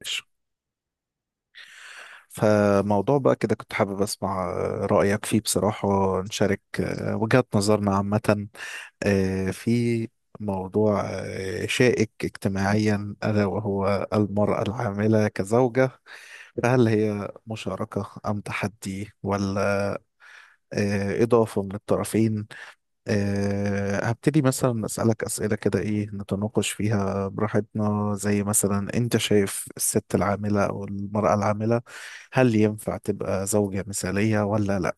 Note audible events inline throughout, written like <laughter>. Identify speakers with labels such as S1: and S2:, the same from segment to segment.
S1: ماشي. فموضوع بقى كده كنت حابب اسمع رأيك فيه بصراحة، نشارك وجهات نظرنا عامة في موضوع شائك اجتماعيا، ألا وهو المرأة العاملة كزوجة. فهل هي مشاركة أم تحدي؟ ولا إضافة من الطرفين؟ هبتدي مثلا أسألك أسئلة كده، إيه، نتناقش فيها براحتنا. زي مثلا، أنت شايف الست العاملة أو المرأة العاملة، هل ينفع تبقى زوجة مثالية ولا لأ؟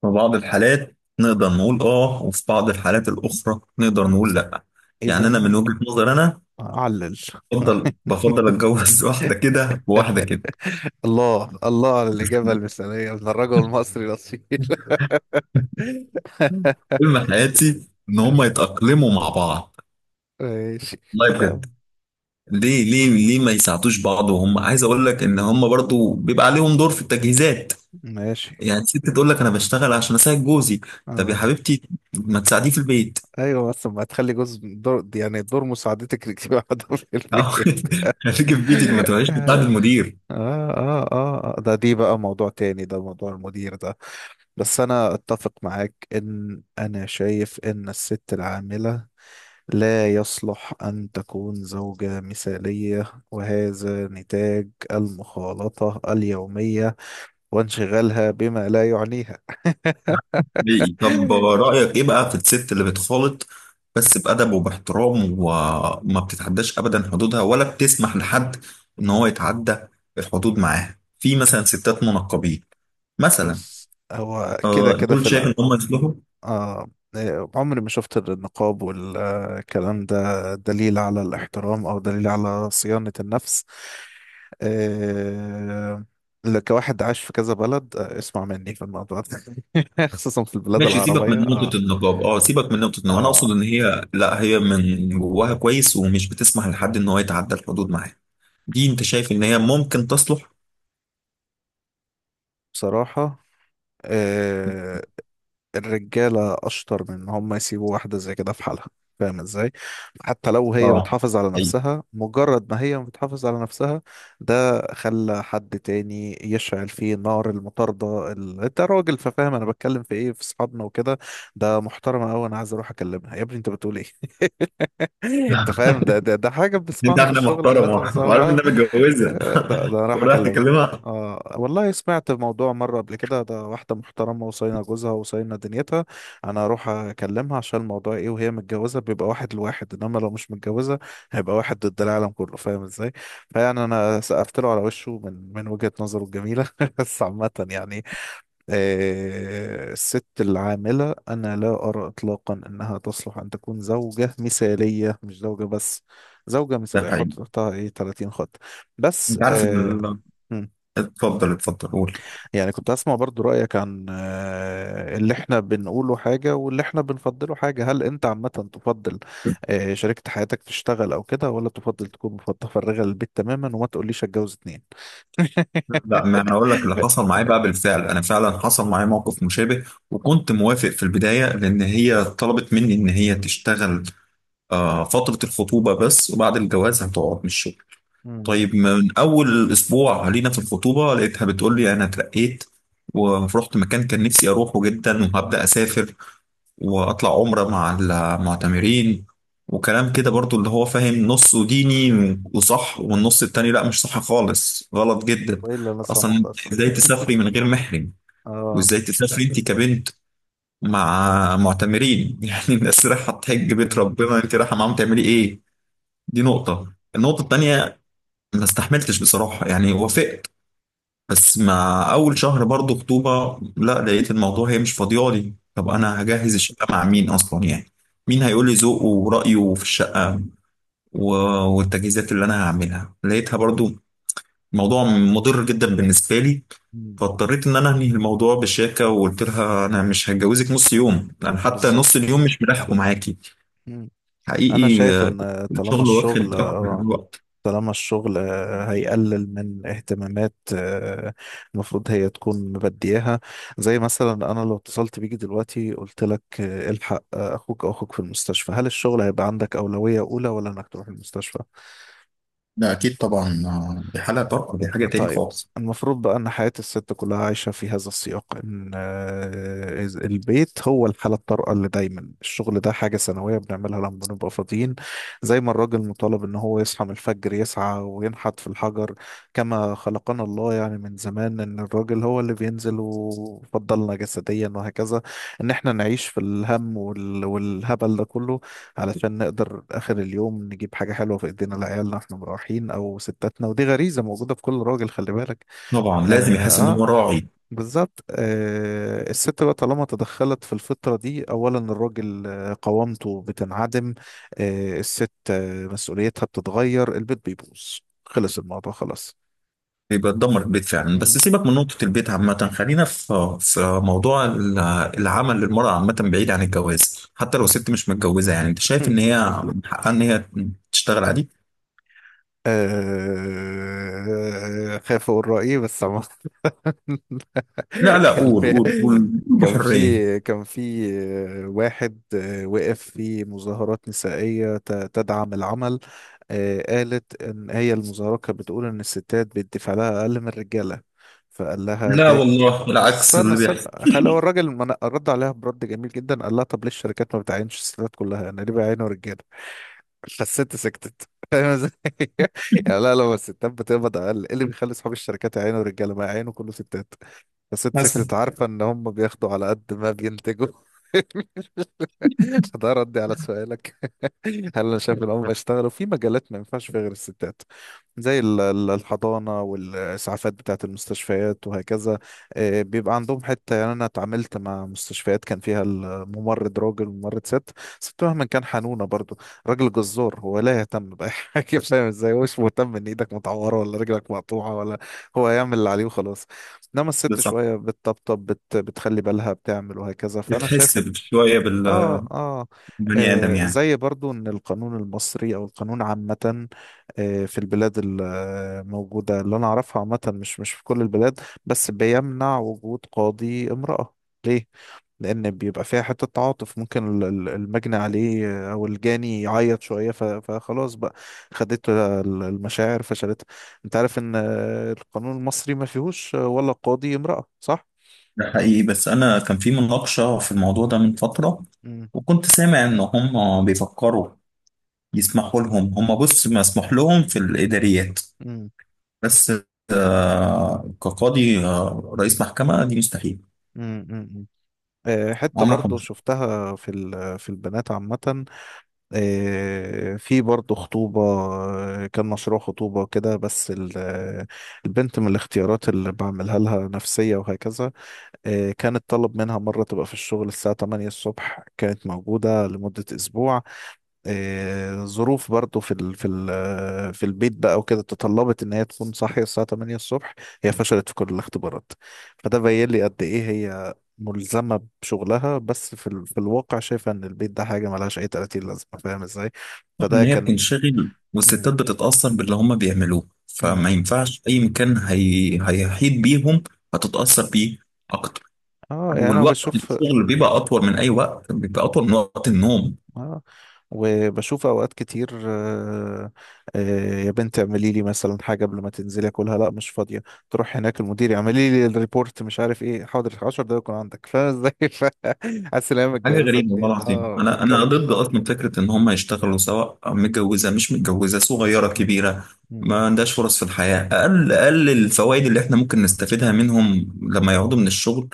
S2: في بعض الحالات نقدر نقول اه وفي بعض الحالات الاخرى نقدر نقول لا. يعني
S1: إذا
S2: انا من وجهة نظر انا
S1: أعلل. <laughs>
S2: بفضل اتجوز <laughs> واحده كده وواحده كده <laughs>
S1: الله الله على الإجابة المثالية من الرجل المصري الأصيل.
S2: حلم حياتي ان هم
S1: <laughs>
S2: يتاقلموا مع بعض،
S1: ماشي.
S2: والله
S1: لا.
S2: بجد. ليه ما يساعدوش بعض، وهم عايز اقول لك ان هم برضو بيبقى عليهم دور في التجهيزات.
S1: ماشي.
S2: يعني ست تقول لك انا بشتغل عشان اساعد جوزي. طب يا
S1: اه.
S2: حبيبتي، ما تساعديه في البيت.
S1: ايوه، بس ما تخلي جزء دور، يعني دور مساعدتك، يبقى <laughs> عندهم في البيت.
S2: <laughs> خليكي في بيتك، ما تروحيش تساعد
S1: <laughs> آه
S2: المدير.
S1: آه آه آه. دي بقى موضوع تاني، ده موضوع المدير ده. بس أنا أتفق معاك، إن أنا شايف إن الست العاملة لا يصلح أن تكون زوجة مثالية، وهذا نتاج المخالطة اليومية وانشغالها بما لا يعنيها.
S2: حقيقي. طب
S1: <laughs>
S2: رأيك إيه بقى في الست اللي بتخالط بس بأدب وباحترام، وما بتتعداش أبدا حدودها، ولا بتسمح لحد إن هو يتعدى الحدود معاها، في مثلا ستات منقبين مثلا.
S1: بص، هو كده كده في
S2: دول شايف إن
S1: الأول.
S2: هم يصلحوا.
S1: آه. إيه، عمري ما شفت النقاب والكلام ده دليل على الاحترام أو دليل على صيانة النفس. آه كواحد عاش في كذا بلد، اسمع مني في الموضوع ده. <laughs> خصوصا في البلاد
S2: ماشي، سيبك
S1: العربية.
S2: من نقطة النقاب. اه سيبك من نقطة النقاب، أنا
S1: آه
S2: أقصد إن هي لا، هي من جواها كويس ومش بتسمح لحد إن هو يتعدى الحدود معاها. دي أنت شايف إن هي ممكن تصلح؟
S1: بصراحة، آه، الرجالة أشطر من إن هم يسيبوا واحدة زي كده في حالها. فاهم إزاي؟ حتى لو هي
S2: اه،
S1: بتحافظ على
S2: أيوة.
S1: نفسها، مجرد ما هي بتحافظ على نفسها، ده خلى حد تاني يشعل فيه نار المطاردة. أنت راجل ففاهم، أنا بتكلم في إيه، في أصحابنا وكده. ده محترمة أوي، أنا عايز أروح أكلمها يا ابني. أنت بتقول إيه؟ انت فاهم، ده حاجة
S2: انت
S1: بنسمعها
S2: عارف
S1: في
S2: انها
S1: الشغل عامة،
S2: محترمه
S1: بس
S2: <laughs> وعارف انها متجوزه
S1: ده أنا
S2: <laughs>
S1: راح
S2: ورايح
S1: اكلمها.
S2: تكلمها.
S1: اه، والله سمعت موضوع مرة قبل كده، ده واحدة محترمة وصاينة جوزها وصاينة دنيتها، انا اروح اكلمها عشان الموضوع ايه؟ وهي متجوزة بيبقى واحد لواحد، انما لو مش متجوزة هيبقى واحد ضد العالم كله. فاهم ازاي؟ فيعني انا سقفت له على وشه من وجهة نظره الجميلة. <laughs> بس عامة يعني، الست العاملة أنا لا أرى إطلاقا أنها تصلح أن تكون زوجة مثالية. مش زوجة بس، زوجة
S2: ده
S1: مثالية. حط
S2: حقيقي.
S1: تحتها إيه؟ 30 خط. بس
S2: انت عارف ان ال-
S1: مم.
S2: اتفضل اتفضل قول.
S1: يعني كنت أسمع برضو رأيك عن اللي إحنا بنقوله حاجة واللي إحنا بنفضله حاجة. هل أنت عامة تفضل شريكة حياتك تشتغل أو كده، ولا تفضل تكون متفرغة للبيت تماما، وما تقوليش أتجوز اتنين؟
S2: لا، ما
S1: <laughs>
S2: انا اقول لك اللي حصل معايا بقى، بالفعل انا فعلا حصل معايا موقف مشابه. وكنت موافق في البدايه لان هي طلبت مني ان هي تشتغل فتره الخطوبه بس، وبعد الجواز هتقعد من الشغل.
S1: مم.
S2: طيب، من اول اسبوع لينا في الخطوبه لقيتها بتقول لي انا اترقيت ورحت مكان كان نفسي اروحه جدا، وهبدا اسافر واطلع عمرة مع المعتمرين، وكلام كده برضو اللي هو فاهم نصه ديني وصح، والنص التاني لا، مش صح خالص، غلط جدا.
S1: وإيه اللي أنا
S2: اصلا
S1: سامعه
S2: إنت
S1: ده أصلا؟
S2: ازاي تسافري من غير محرم؟
S1: آه.
S2: وازاي تسافري انت كبنت مع معتمرين؟ <laughs> يعني الناس رايحة تحج
S1: مم،
S2: بيت
S1: مم، مم.
S2: ربنا، انت رايحة معاهم تعملي ايه؟ دي نقطة. النقطة التانية، ما استحملتش بصراحة. يعني وافقت، بس مع اول شهر برضو خطوبه لا، لقيت الموضوع هي مش فاضيالي. طب انا
S1: مم.
S2: هجهز الشقه مع مين اصلا يعني؟ مين هيقول لي ذوقه ورايه في الشقه و- والتجهيزات اللي انا هعملها؟ لقيتها برضو موضوع مضر جدا بالنسبه لي.
S1: مم.
S2: فاضطريت ان انا انهي الموضوع بشياكه، وقلت لها انا مش هتجوزك. نص يوم انا حتى، نص
S1: بالظبط.
S2: اليوم مش ملاحقه معاكي.
S1: مم. انا
S2: حقيقي.
S1: شايف ان طالما
S2: الشغل
S1: الشغل،
S2: واخد اكتر من الوقت.
S1: هيقلل من اهتمامات، المفروض هي تكون مبدياها. زي مثلا انا لو اتصلت بيك دلوقتي قلت لك الحق، اخوك في المستشفى، هل الشغل هيبقى عندك اولوية اولى، ولا انك تروح المستشفى؟
S2: لا أكيد طبعا، دي حالة برضه، دي حاجة تاني
S1: طيب.
S2: خالص.
S1: المفروض بقى ان حياة الست كلها عايشة في هذا السياق، ان البيت هو الحالة الطارئة اللي دايما، الشغل ده حاجة سنوية بنعملها لما بنبقى فاضيين. زي ما الراجل مطالب ان هو يصحى من الفجر، يسعى وينحت في الحجر كما خلقنا الله، يعني من زمان ان الراجل هو اللي بينزل وفضلنا جسديا وهكذا. ان احنا نعيش في الهم والهبل ده كله علشان نقدر آخر اليوم نجيب حاجة حلوة في إيدينا لعيالنا واحنا مروحين أو ستاتنا. ودي غريزة موجودة في كل راجل، خلي بالك.
S2: طبعا لازم
S1: يعني
S2: يحس ان
S1: اه،
S2: هو راعي.
S1: بالظبط. الست بقى طالما تدخلت في الفطرة دي، أولا الراجل قوامته بتنعدم. الست مسؤوليتها بتتغير، البيت بيبوظ. خلص الموضوع، خلاص.
S2: بيبقى تدمر البيت فعلا.
S1: مم.
S2: بس سيبك من نقطة البيت عامة، خلينا في موضوع ال- العمل للمرأة عامة بعيد عن الجواز. حتى لو
S1: مم.
S2: ست مش متجوزة، يعني انت شايف ان
S1: <laughs>
S2: هي من حقها ان هي تشتغل عادي؟
S1: خايف أقول رأيي، بس عموما. <laughs>
S2: لا
S1: <laughs>
S2: لا،
S1: كان
S2: قول
S1: في
S2: قول قول بحرية.
S1: كان في واحد وقف في مظاهرات نسائية تدعم العمل. قالت إن هي المظاهرة كانت بتقول إن الستات بيدفع لها أقل من الرجالة. فقال لها
S2: لا
S1: ده،
S2: والله
S1: بس
S2: العكس
S1: استنى
S2: اللي بيحصل،
S1: سبق، خلى هو الراجل رد عليها برد جميل جدا. قال لها طب ليه الشركات ما بتعينش الستات كلها؟ انا ليه بعينه رجاله؟ <laughs> فالست سكتت. فاهم ازاي؟ <laughs> يعني لا، لما الستات بتقبض اقل، ايه اللي بيخلي اصحاب الشركات يعينوا رجاله، ما يعينوا كله ستات؟ الست
S2: مثلا.
S1: سكتت عارفة إن هم بياخدوا على قد ما بينتجوا. <laughs> فده ردي على سؤالك. هل أنا شايف إن هم بيشتغلوا في مجالات ما ينفعش فيها غير الستات، زي الحضانة والإسعافات بتاعة المستشفيات وهكذا؟ بيبقى عندهم حتة يعني. أنا اتعاملت مع مستشفيات كان فيها الممرض راجل وممرض ست. ست مهما كان حنونة، برضو راجل جزار هو لا يهتم بأي <laughs> حاجة. فاهم ازاي؟ هو مش مهتم إن إيدك متعورة ولا رجلك مقطوعة ولا، هو يعمل اللي عليه وخلاص. إنما
S2: ده
S1: الست
S2: صح،
S1: شوية بتطبطب، بتخلي بالها، بتعمل وهكذا. فأنا شايف
S2: بتحس
S1: إن
S2: شوية
S1: آه,
S2: بالبني
S1: آه,
S2: آدم يعني.
S1: زي برضو إن القانون المصري، أو القانون عامة في البلاد الموجودة اللي أنا أعرفها عامة، مش في كل البلاد، بس بيمنع وجود قاضي امرأة. ليه؟ لأن بيبقى فيها حتة تعاطف، ممكن المجني عليه أو الجاني يعيط شوية، فخلاص بقى، خدته المشاعر فشلتها. أنت عارف إن القانون المصري ما فيهوش ولا قاضي امرأة، صح؟
S2: ده حقيقي، بس أنا كان في مناقشة في الموضوع ده من فترة، وكنت سامع إن هم بيفكروا يسمحوا لهم. هم بص، مسموح لهم في الإداريات، بس كقاضي، رئيس محكمة دي مستحيل.
S1: امم. حتة
S2: عمرك ما
S1: برضو شفتها في البنات عامة. في برضو خطوبة، كان مشروع خطوبة كده، بس البنت من الاختيارات اللي بعملها لها نفسية وهكذا. كانت طلب منها مرة تبقى في الشغل الساعة 8 الصبح، كانت موجودة لمدة أسبوع. ظروف برضو في البيت بقى وكده تطلبت ان هي تكون صاحيه الساعه 8 الصبح. هي فشلت في كل الاختبارات. فده بين لي قد ايه هي ملزمه بشغلها، بس في الواقع شايفه ان البيت ده حاجه ملهاش اي 30 لازمه. فاهم ازاي؟
S2: بشوفها
S1: فده
S2: إن هي
S1: كان.
S2: بتنشغل،
S1: مم.
S2: والستات بتتأثر باللي هما بيعملوه، فما
S1: مم.
S2: ينفعش أي مكان هي هيحيط بيهم. هتتأثر بيه أكتر،
S1: اه يعني انا
S2: والوقت
S1: بشوف.
S2: الشغل بيبقى أطول من أي وقت، بيبقى أطول من وقت النوم.
S1: آه. وبشوف اوقات كتير، آه، يا بنت اعملي لي مثلا حاجه قبل ما تنزلي اكلها، لا مش فاضيه. تروح هناك المدير اعملي لي الريبورت، مش عارف ايه، حاضر 10 دقايق يكون عندك. فاهم ازاي؟ <laughs> حاسس ان هي
S2: حاجة
S1: متجوزه
S2: غريبة والله
S1: اتنين.
S2: العظيم.
S1: اه
S2: أنا
S1: متجوزه.
S2: ضد أصلا فكرة إن هم يشتغلوا، سواء متجوزة مش متجوزة، صغيرة
S1: مم.
S2: كبيرة.
S1: مم.
S2: ما عندهاش فرص في الحياة. أقل أقل الفوائد اللي إحنا ممكن نستفيدها منهم لما يقعدوا من الشغل.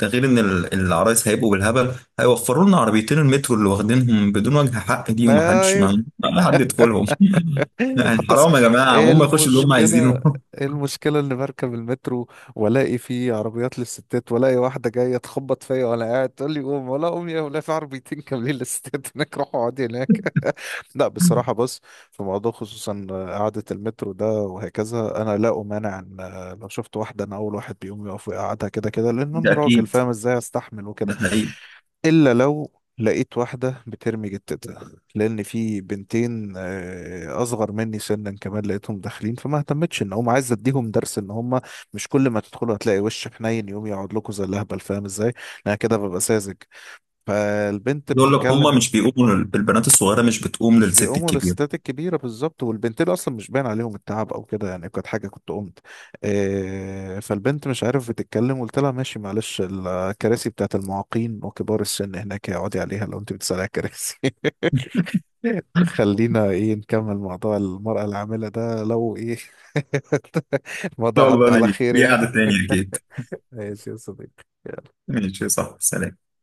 S2: ده غير إن ال- العرايس هيبقوا بالهبل. هيوفروا لنا عربيتين المترو اللي واخدينهم بدون وجه حق دي، ومحدش
S1: ايوه.
S2: ما حد يدخلهم. <laughs> لا
S1: <laughs>
S2: يعني
S1: حتى
S2: حرام يا جماعة، هم يخشوا اللي هم
S1: المشكله
S2: عايزينه. <laughs>
S1: المشكله اني بركب المترو والاقي فيه عربيات للستات، والاقي واحده جايه تخبط فيا وانا قاعد تقول لي قوم، ولا قوم يا ولا، في عربيتين كاملين للستات هناك، روحوا اقعدي هناك. لا، بصراحة بص، في موضوع خصوصا قعدة المترو ده وهكذا، أنا لا أمانع، إن لو شفت واحدة أنا أول واحد بيقوم يقف ويقعدها. كده كده لأن
S2: ده
S1: أنا راجل،
S2: أكيد،
S1: فاهم إزاي، أستحمل وكده.
S2: ده حقيقي.
S1: إلا لو لقيت واحدة بترمي جتتها، لأن في بنتين أصغر مني سنا كمان، لقيتهم داخلين فما اهتمتش. إن هم، عايز أديهم درس إن هم مش كل ما تدخلوا هتلاقي وش حنين يقوم يقعد لكم زي الأهبل. فاهم إزاي؟ أنا كده ببقى ساذج. فالبنت
S2: يقول لك هم
S1: بتتكلم،
S2: مش بيقوموا لل- البنات الصغيرة مش بتقوم
S1: مش
S2: للست
S1: بيقوموا
S2: الكبيرة.
S1: للستات الكبيرة. بالظبط، والبنتين أصلا مش باين عليهم التعب أو كده يعني، كانت حاجة كنت قمت. فالبنت مش عارف بتتكلم، قلت لها ماشي معلش، الكراسي بتاعت المعاقين وكبار السن هناك، اقعدي عليها لو أنت بتسألي على الكراسي. <laughs> خلينا إيه نكمل موضوع المرأة العاملة ده، لو إيه. <laughs>
S2: شاء
S1: الموضوع عدى
S2: الله،
S1: على
S2: ليه؟
S1: خير
S2: ليه
S1: يعني.
S2: قعدة تانية أكيد.
S1: ماشي يا صديقي.
S2: ماشي، صح، سلام.